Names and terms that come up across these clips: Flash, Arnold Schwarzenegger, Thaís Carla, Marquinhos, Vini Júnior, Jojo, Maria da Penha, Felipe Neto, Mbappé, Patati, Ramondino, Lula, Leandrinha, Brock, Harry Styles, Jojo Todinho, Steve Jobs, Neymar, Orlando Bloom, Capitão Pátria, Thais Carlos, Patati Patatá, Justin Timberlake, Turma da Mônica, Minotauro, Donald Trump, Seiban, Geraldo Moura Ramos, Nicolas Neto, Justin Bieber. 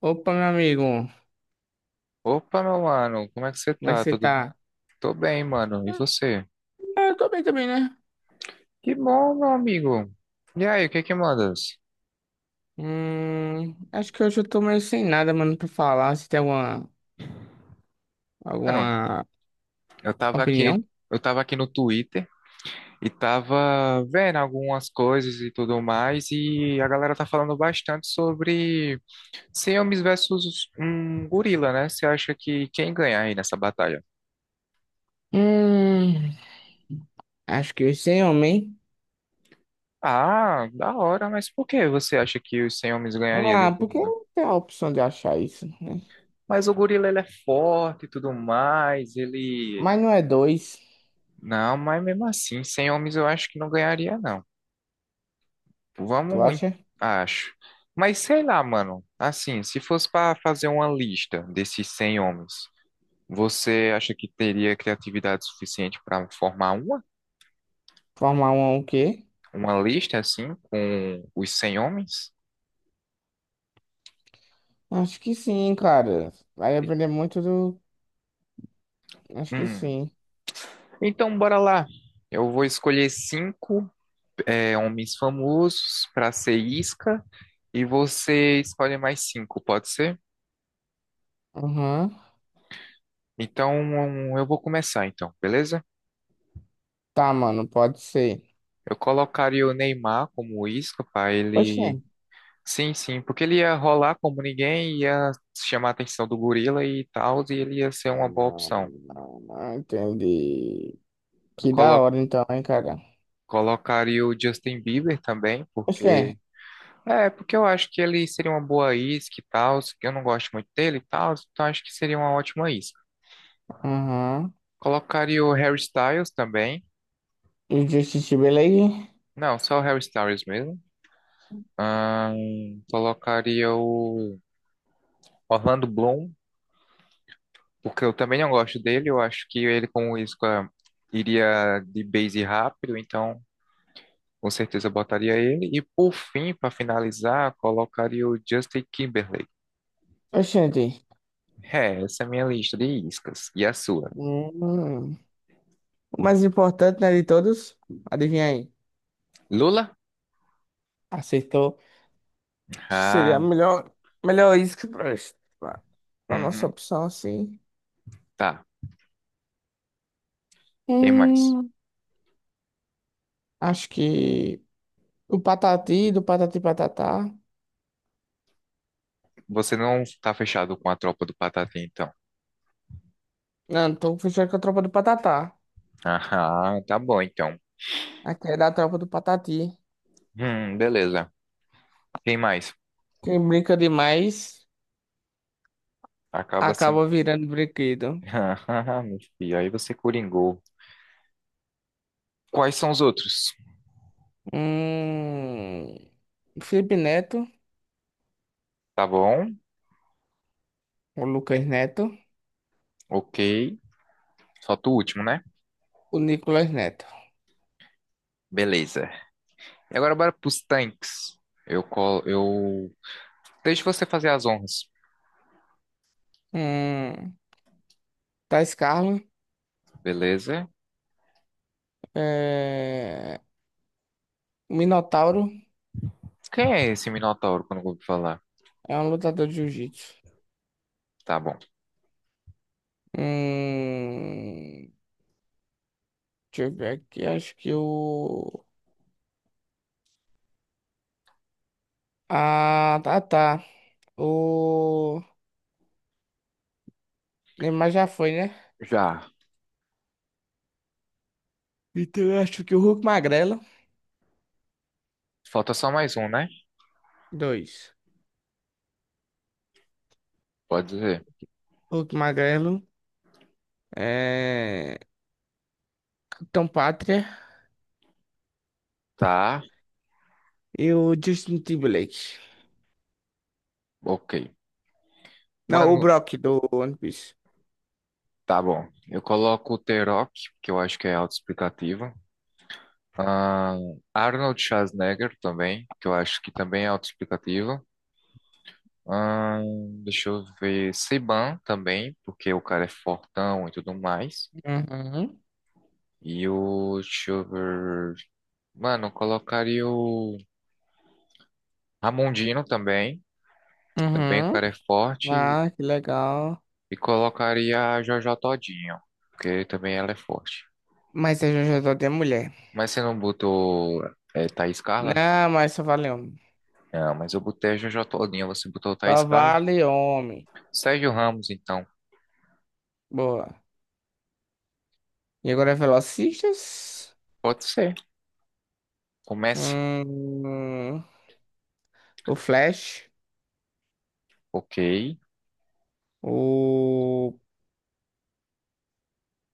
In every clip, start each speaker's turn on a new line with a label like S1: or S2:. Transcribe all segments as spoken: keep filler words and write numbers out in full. S1: Opa, meu amigo,
S2: Opa, meu mano, como é que você
S1: como é que
S2: tá?
S1: você
S2: Tudo...
S1: tá?
S2: Tô bem, mano. E você?
S1: Ah, eu tô bem também, né?
S2: Que bom, meu amigo. E aí, o que que mandas?
S1: Hum, acho que hoje eu tô meio sem nada, mano, pra falar. Você tem alguma,
S2: Mano,
S1: alguma
S2: eu tava aqui,
S1: opinião?
S2: eu tava aqui no Twitter e tava vendo algumas coisas e tudo mais, e a galera tá falando bastante sobre Siames versus um gorila, né? Você acha que quem ganha aí nessa batalha?
S1: Hum, Acho que hoje sem homem.
S2: Ah, da hora, mas por que você acha que os cem homens ganharia de um
S1: Ah, porque
S2: gorila?
S1: não tem a opção de achar isso, né?
S2: Mas o gorila ele é forte e tudo mais, ele...
S1: Mas não é dois,
S2: Não, mas mesmo assim, sem homens eu acho que não ganharia, não.
S1: tu
S2: Vamos, em-
S1: acha?
S2: Acho. Mas sei lá, mano. Assim, se fosse pra fazer uma lista desses cem homens, você acha que teria criatividade suficiente pra formar uma?
S1: Formar um é o quê?
S2: Uma lista assim, com os cem homens?
S1: Acho que sim, cara. Vai aprender muito do. Acho que
S2: Hum.
S1: sim.
S2: Então, bora lá. Eu vou escolher cinco, é, homens famosos pra ser isca, e você escolhe mais cinco, pode ser?
S1: Aham.
S2: Então, eu vou começar, então, beleza?
S1: Tá, mano, pode ser.
S2: Eu colocaria o Neymar como isca para
S1: Poxa.
S2: ele. Sim, sim, porque ele ia rolar como ninguém, ia chamar a atenção do gorila e tal, e ele ia ser
S1: Ah,
S2: uma boa
S1: não,
S2: opção.
S1: não, não, Entendi.
S2: Eu
S1: Que da
S2: colo-
S1: hora então, hein, cara.
S2: Colocaria o Justin Bieber também,
S1: Oxê.
S2: porque... É, porque eu acho que ele seria uma boa isca e tal, que eu não gosto muito dele e tal, então acho que seria uma ótima isca.
S1: Aham.
S2: Colocaria o Harry Styles também.
S1: E o Justin Timberlake?
S2: Não, só o Harry Styles mesmo. Ahn, colocaria o Orlando Bloom. Porque eu também não gosto dele, eu acho que ele com o Isco iria de base rápido, então com certeza eu botaria ele. E por fim, para finalizar, colocaria o Justin Timberlake.
S1: Oxente.
S2: É, essa é a minha lista de iscas. E a sua?
S1: Hum. O mais importante, né, de todos? Adivinha aí.
S2: Lula?
S1: Acertou. Acho que seria
S2: Ah,
S1: a melhor, melhor isca pra, pra, pra nossa
S2: uhum.
S1: opção, assim.
S2: Tá. Quem mais?
S1: Hum. Acho que o Patati, do Patati Patatá.
S2: Você não tá fechado com a tropa do Patati, então.
S1: Não, tô fechado com a tropa do Patatá.
S2: Ah, tá bom, então.
S1: Aqui é da tropa do Patati.
S2: Hum, beleza. Quem mais?
S1: Quem brinca demais
S2: Acaba sendo.
S1: acaba virando brinquedo.
S2: Ah, meu filho, aí você coringou. Quais são os outros?
S1: Hum. O Felipe Neto,
S2: Tá bom?
S1: o Lucas Neto,
S2: Ok. Solta o último, né?
S1: o Nicolas Neto.
S2: Beleza. E agora bora pros tanques. Eu colo. Eu. Deixa você fazer as honras.
S1: Hum, Thais Carlos,
S2: Beleza?
S1: é... o Minotauro
S2: Quem é esse Minotauro quando eu vou falar?
S1: é um lutador de jiu-jitsu.
S2: Tá bom.
S1: Hum, deixa eu ver aqui, acho que o... ah, tá, tá. O Neymar já foi, né?
S2: Já.
S1: Então eu acho que o Hulk Magrelo,
S2: Falta só mais um, né?
S1: dois.
S2: Pode dizer.
S1: Hulk Magrelo, é... Capitão Pátria
S2: Tá.
S1: e o Justin Timberlake.
S2: Ok.
S1: Não, o
S2: Mano.
S1: Brock do One Piece.
S2: Tá bom. Eu coloco o T-Rock, que eu acho que é autoexplicativo. Ah, Arnold Schwarzenegger também, que eu acho que também é autoexplicativo. Ah, deixa eu ver. Seiban também, porque o cara é fortão e tudo mais.
S1: Uhum.
S2: E o... Deixa eu ver. Mano, eu colocaria o Ramondino também. Que também o
S1: Uhum.
S2: cara é forte.
S1: Ah, que legal.
S2: E colocaria a Jojo Todinho, porque também ela é forte.
S1: Mas é Jojo de mulher.
S2: Mas você não botou, é, Thaís Carla?
S1: Não, mas só vale homem.
S2: Não, mas eu botei a Jojo Todinho. Você botou Thaís
S1: Só
S2: Carla?
S1: vale homem.
S2: Sérgio Ramos, então.
S1: Boa. E agora é Velocistas.
S2: Pode ser. Comece.
S1: Hum, o Flash.
S2: Ok.
S1: O...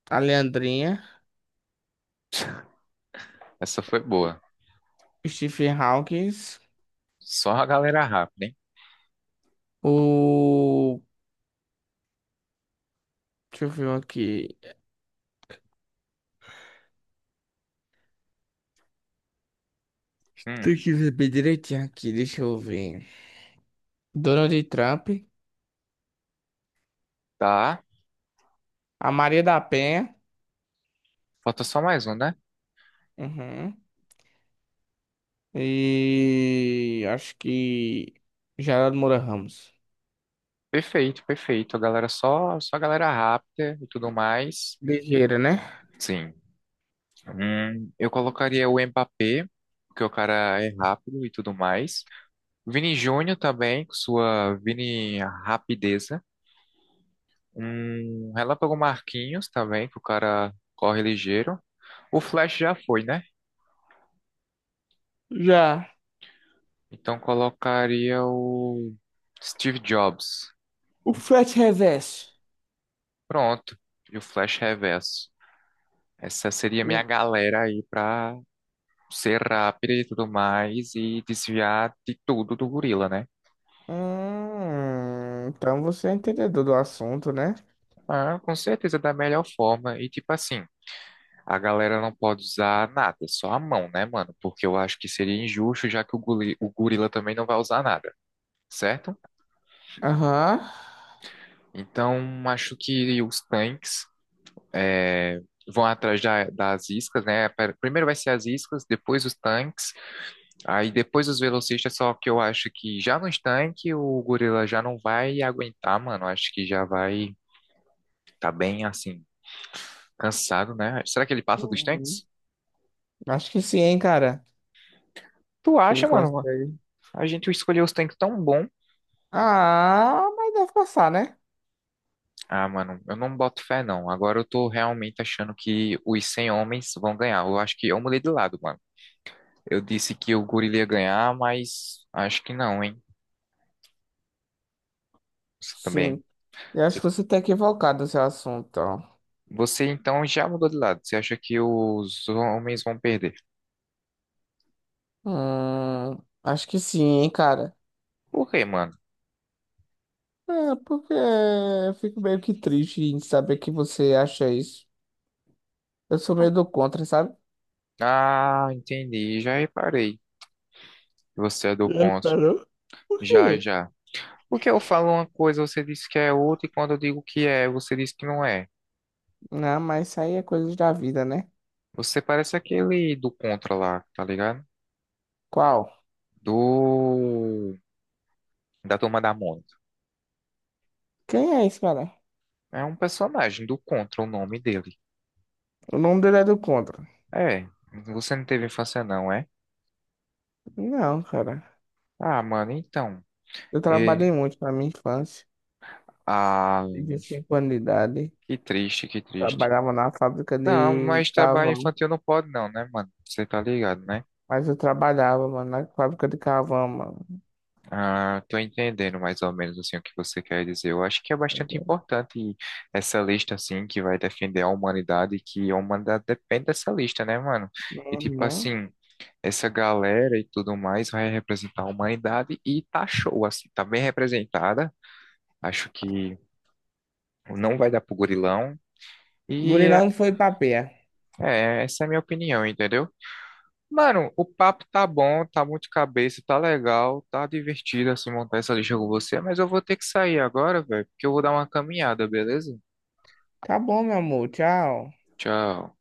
S1: A Leandrinha.
S2: Essa foi boa.
S1: O Stephen Hawkins.
S2: Só a galera rápida, hein?
S1: O... Deixa eu ver um aqui.
S2: Hum.
S1: Tem que ver bem direitinho aqui, deixa eu ver. Donald Trump.
S2: Tá.
S1: A Maria da Penha.
S2: Falta só mais um, né?
S1: Uhum. E acho que Geraldo Moura Ramos.
S2: Perfeito, perfeito. A galera só, só a galera rápida e tudo mais.
S1: Ligeira, né?
S2: Sim. Hum, eu colocaria o Mbappé, porque o cara é rápido e tudo mais. Vini Júnior também, com sua Vini rapideza. Um Relâmpago Marquinhos também, que o cara corre ligeiro. O Flash já foi, né?
S1: Já.
S2: Então colocaria o Steve Jobs.
S1: O frete reverso.
S2: Pronto. E o Flash Reverso. Essa seria
S1: E o-
S2: minha galera aí pra ser rápida e tudo mais e desviar de tudo do gorila, né?
S1: Hum, então você é entendedor do assunto, né?
S2: Ah, com certeza da melhor forma. E tipo assim, a galera não pode usar nada, só a mão, né, mano? Porque eu acho que seria injusto, já que o goli- o gorila também não vai usar nada, certo?
S1: Aham.
S2: Então, acho que os tanques, é, vão atrás da- das iscas, né? Per- Primeiro vai ser as iscas, depois os tanques, aí depois os velocistas, só que eu acho que já nos tanques o gorila já não vai aguentar, mano. Acho que já vai... Tá bem, assim, cansado, né? Será que ele passa dos
S1: Uhum.
S2: tanques?
S1: Acho que sim, hein, cara.
S2: Tu
S1: Ele
S2: acha, mano?
S1: consegue.
S2: A gente escolheu os tanques tão bom.
S1: Ah, mas deve passar, né?
S2: Ah, mano, eu não boto fé, não. Agora eu tô realmente achando que os cem homens vão ganhar. Eu acho que eu mudei de lado, mano. Eu disse que o gorila ia ganhar, mas acho que não, hein? Você também.
S1: Sim. Eu acho
S2: Você,
S1: que você tá equivocado no seu assunto, ó.
S2: você, então já mudou de lado. Você acha que os homens vão perder?
S1: Hum, acho que sim, hein, cara.
S2: Por quê, mano?
S1: É, porque eu fico meio que triste em saber que você acha isso. Eu sou meio do contra, sabe?
S2: Ah, entendi. Já reparei. Você é do
S1: É,
S2: contra.
S1: pera. Por
S2: Já,
S1: quê?
S2: já. Porque eu falo uma coisa, você diz que é outra, e quando eu digo que é, você diz que não é.
S1: Não, mas isso aí é coisas da vida, né?
S2: Você parece aquele do Contra lá, tá ligado?
S1: Qual?
S2: Do... Da Turma da Mônica.
S1: Quem é esse, cara?
S2: É um personagem do Contra, o nome dele.
S1: O nome dele é do contra.
S2: É, você não teve infância não, é?
S1: Não, cara.
S2: Ah, mano, então...
S1: Eu
S2: E...
S1: trabalhei muito na minha infância.
S2: Ah,
S1: Desde cinco anos de idade.
S2: que triste, que triste.
S1: Trabalhava na fábrica
S2: Não,
S1: de
S2: mas trabalho
S1: carvão.
S2: infantil não pode, não, né, mano? Você tá ligado, né?
S1: Mas eu trabalhava, mano, na fábrica de carvão, mano.
S2: Ah, tô entendendo mais ou menos assim o que você quer dizer. Eu acho que é bastante importante essa lista assim que vai defender a humanidade e que a humanidade depende dessa lista, né, mano? E tipo
S1: Uhum.
S2: assim, essa galera e tudo mais vai representar a humanidade e tá show assim, tá bem representada. Acho que não vai dar pro gorilão. E
S1: Gurilão foi pra pé.
S2: é, essa é a minha opinião, entendeu? Mano, o papo tá bom, tá muito de cabeça, tá legal, tá divertido assim montar essa lista com você, mas eu vou ter que sair agora, velho, porque eu vou dar uma caminhada, beleza?
S1: Tá bom, meu amor. Tchau.
S2: Tchau.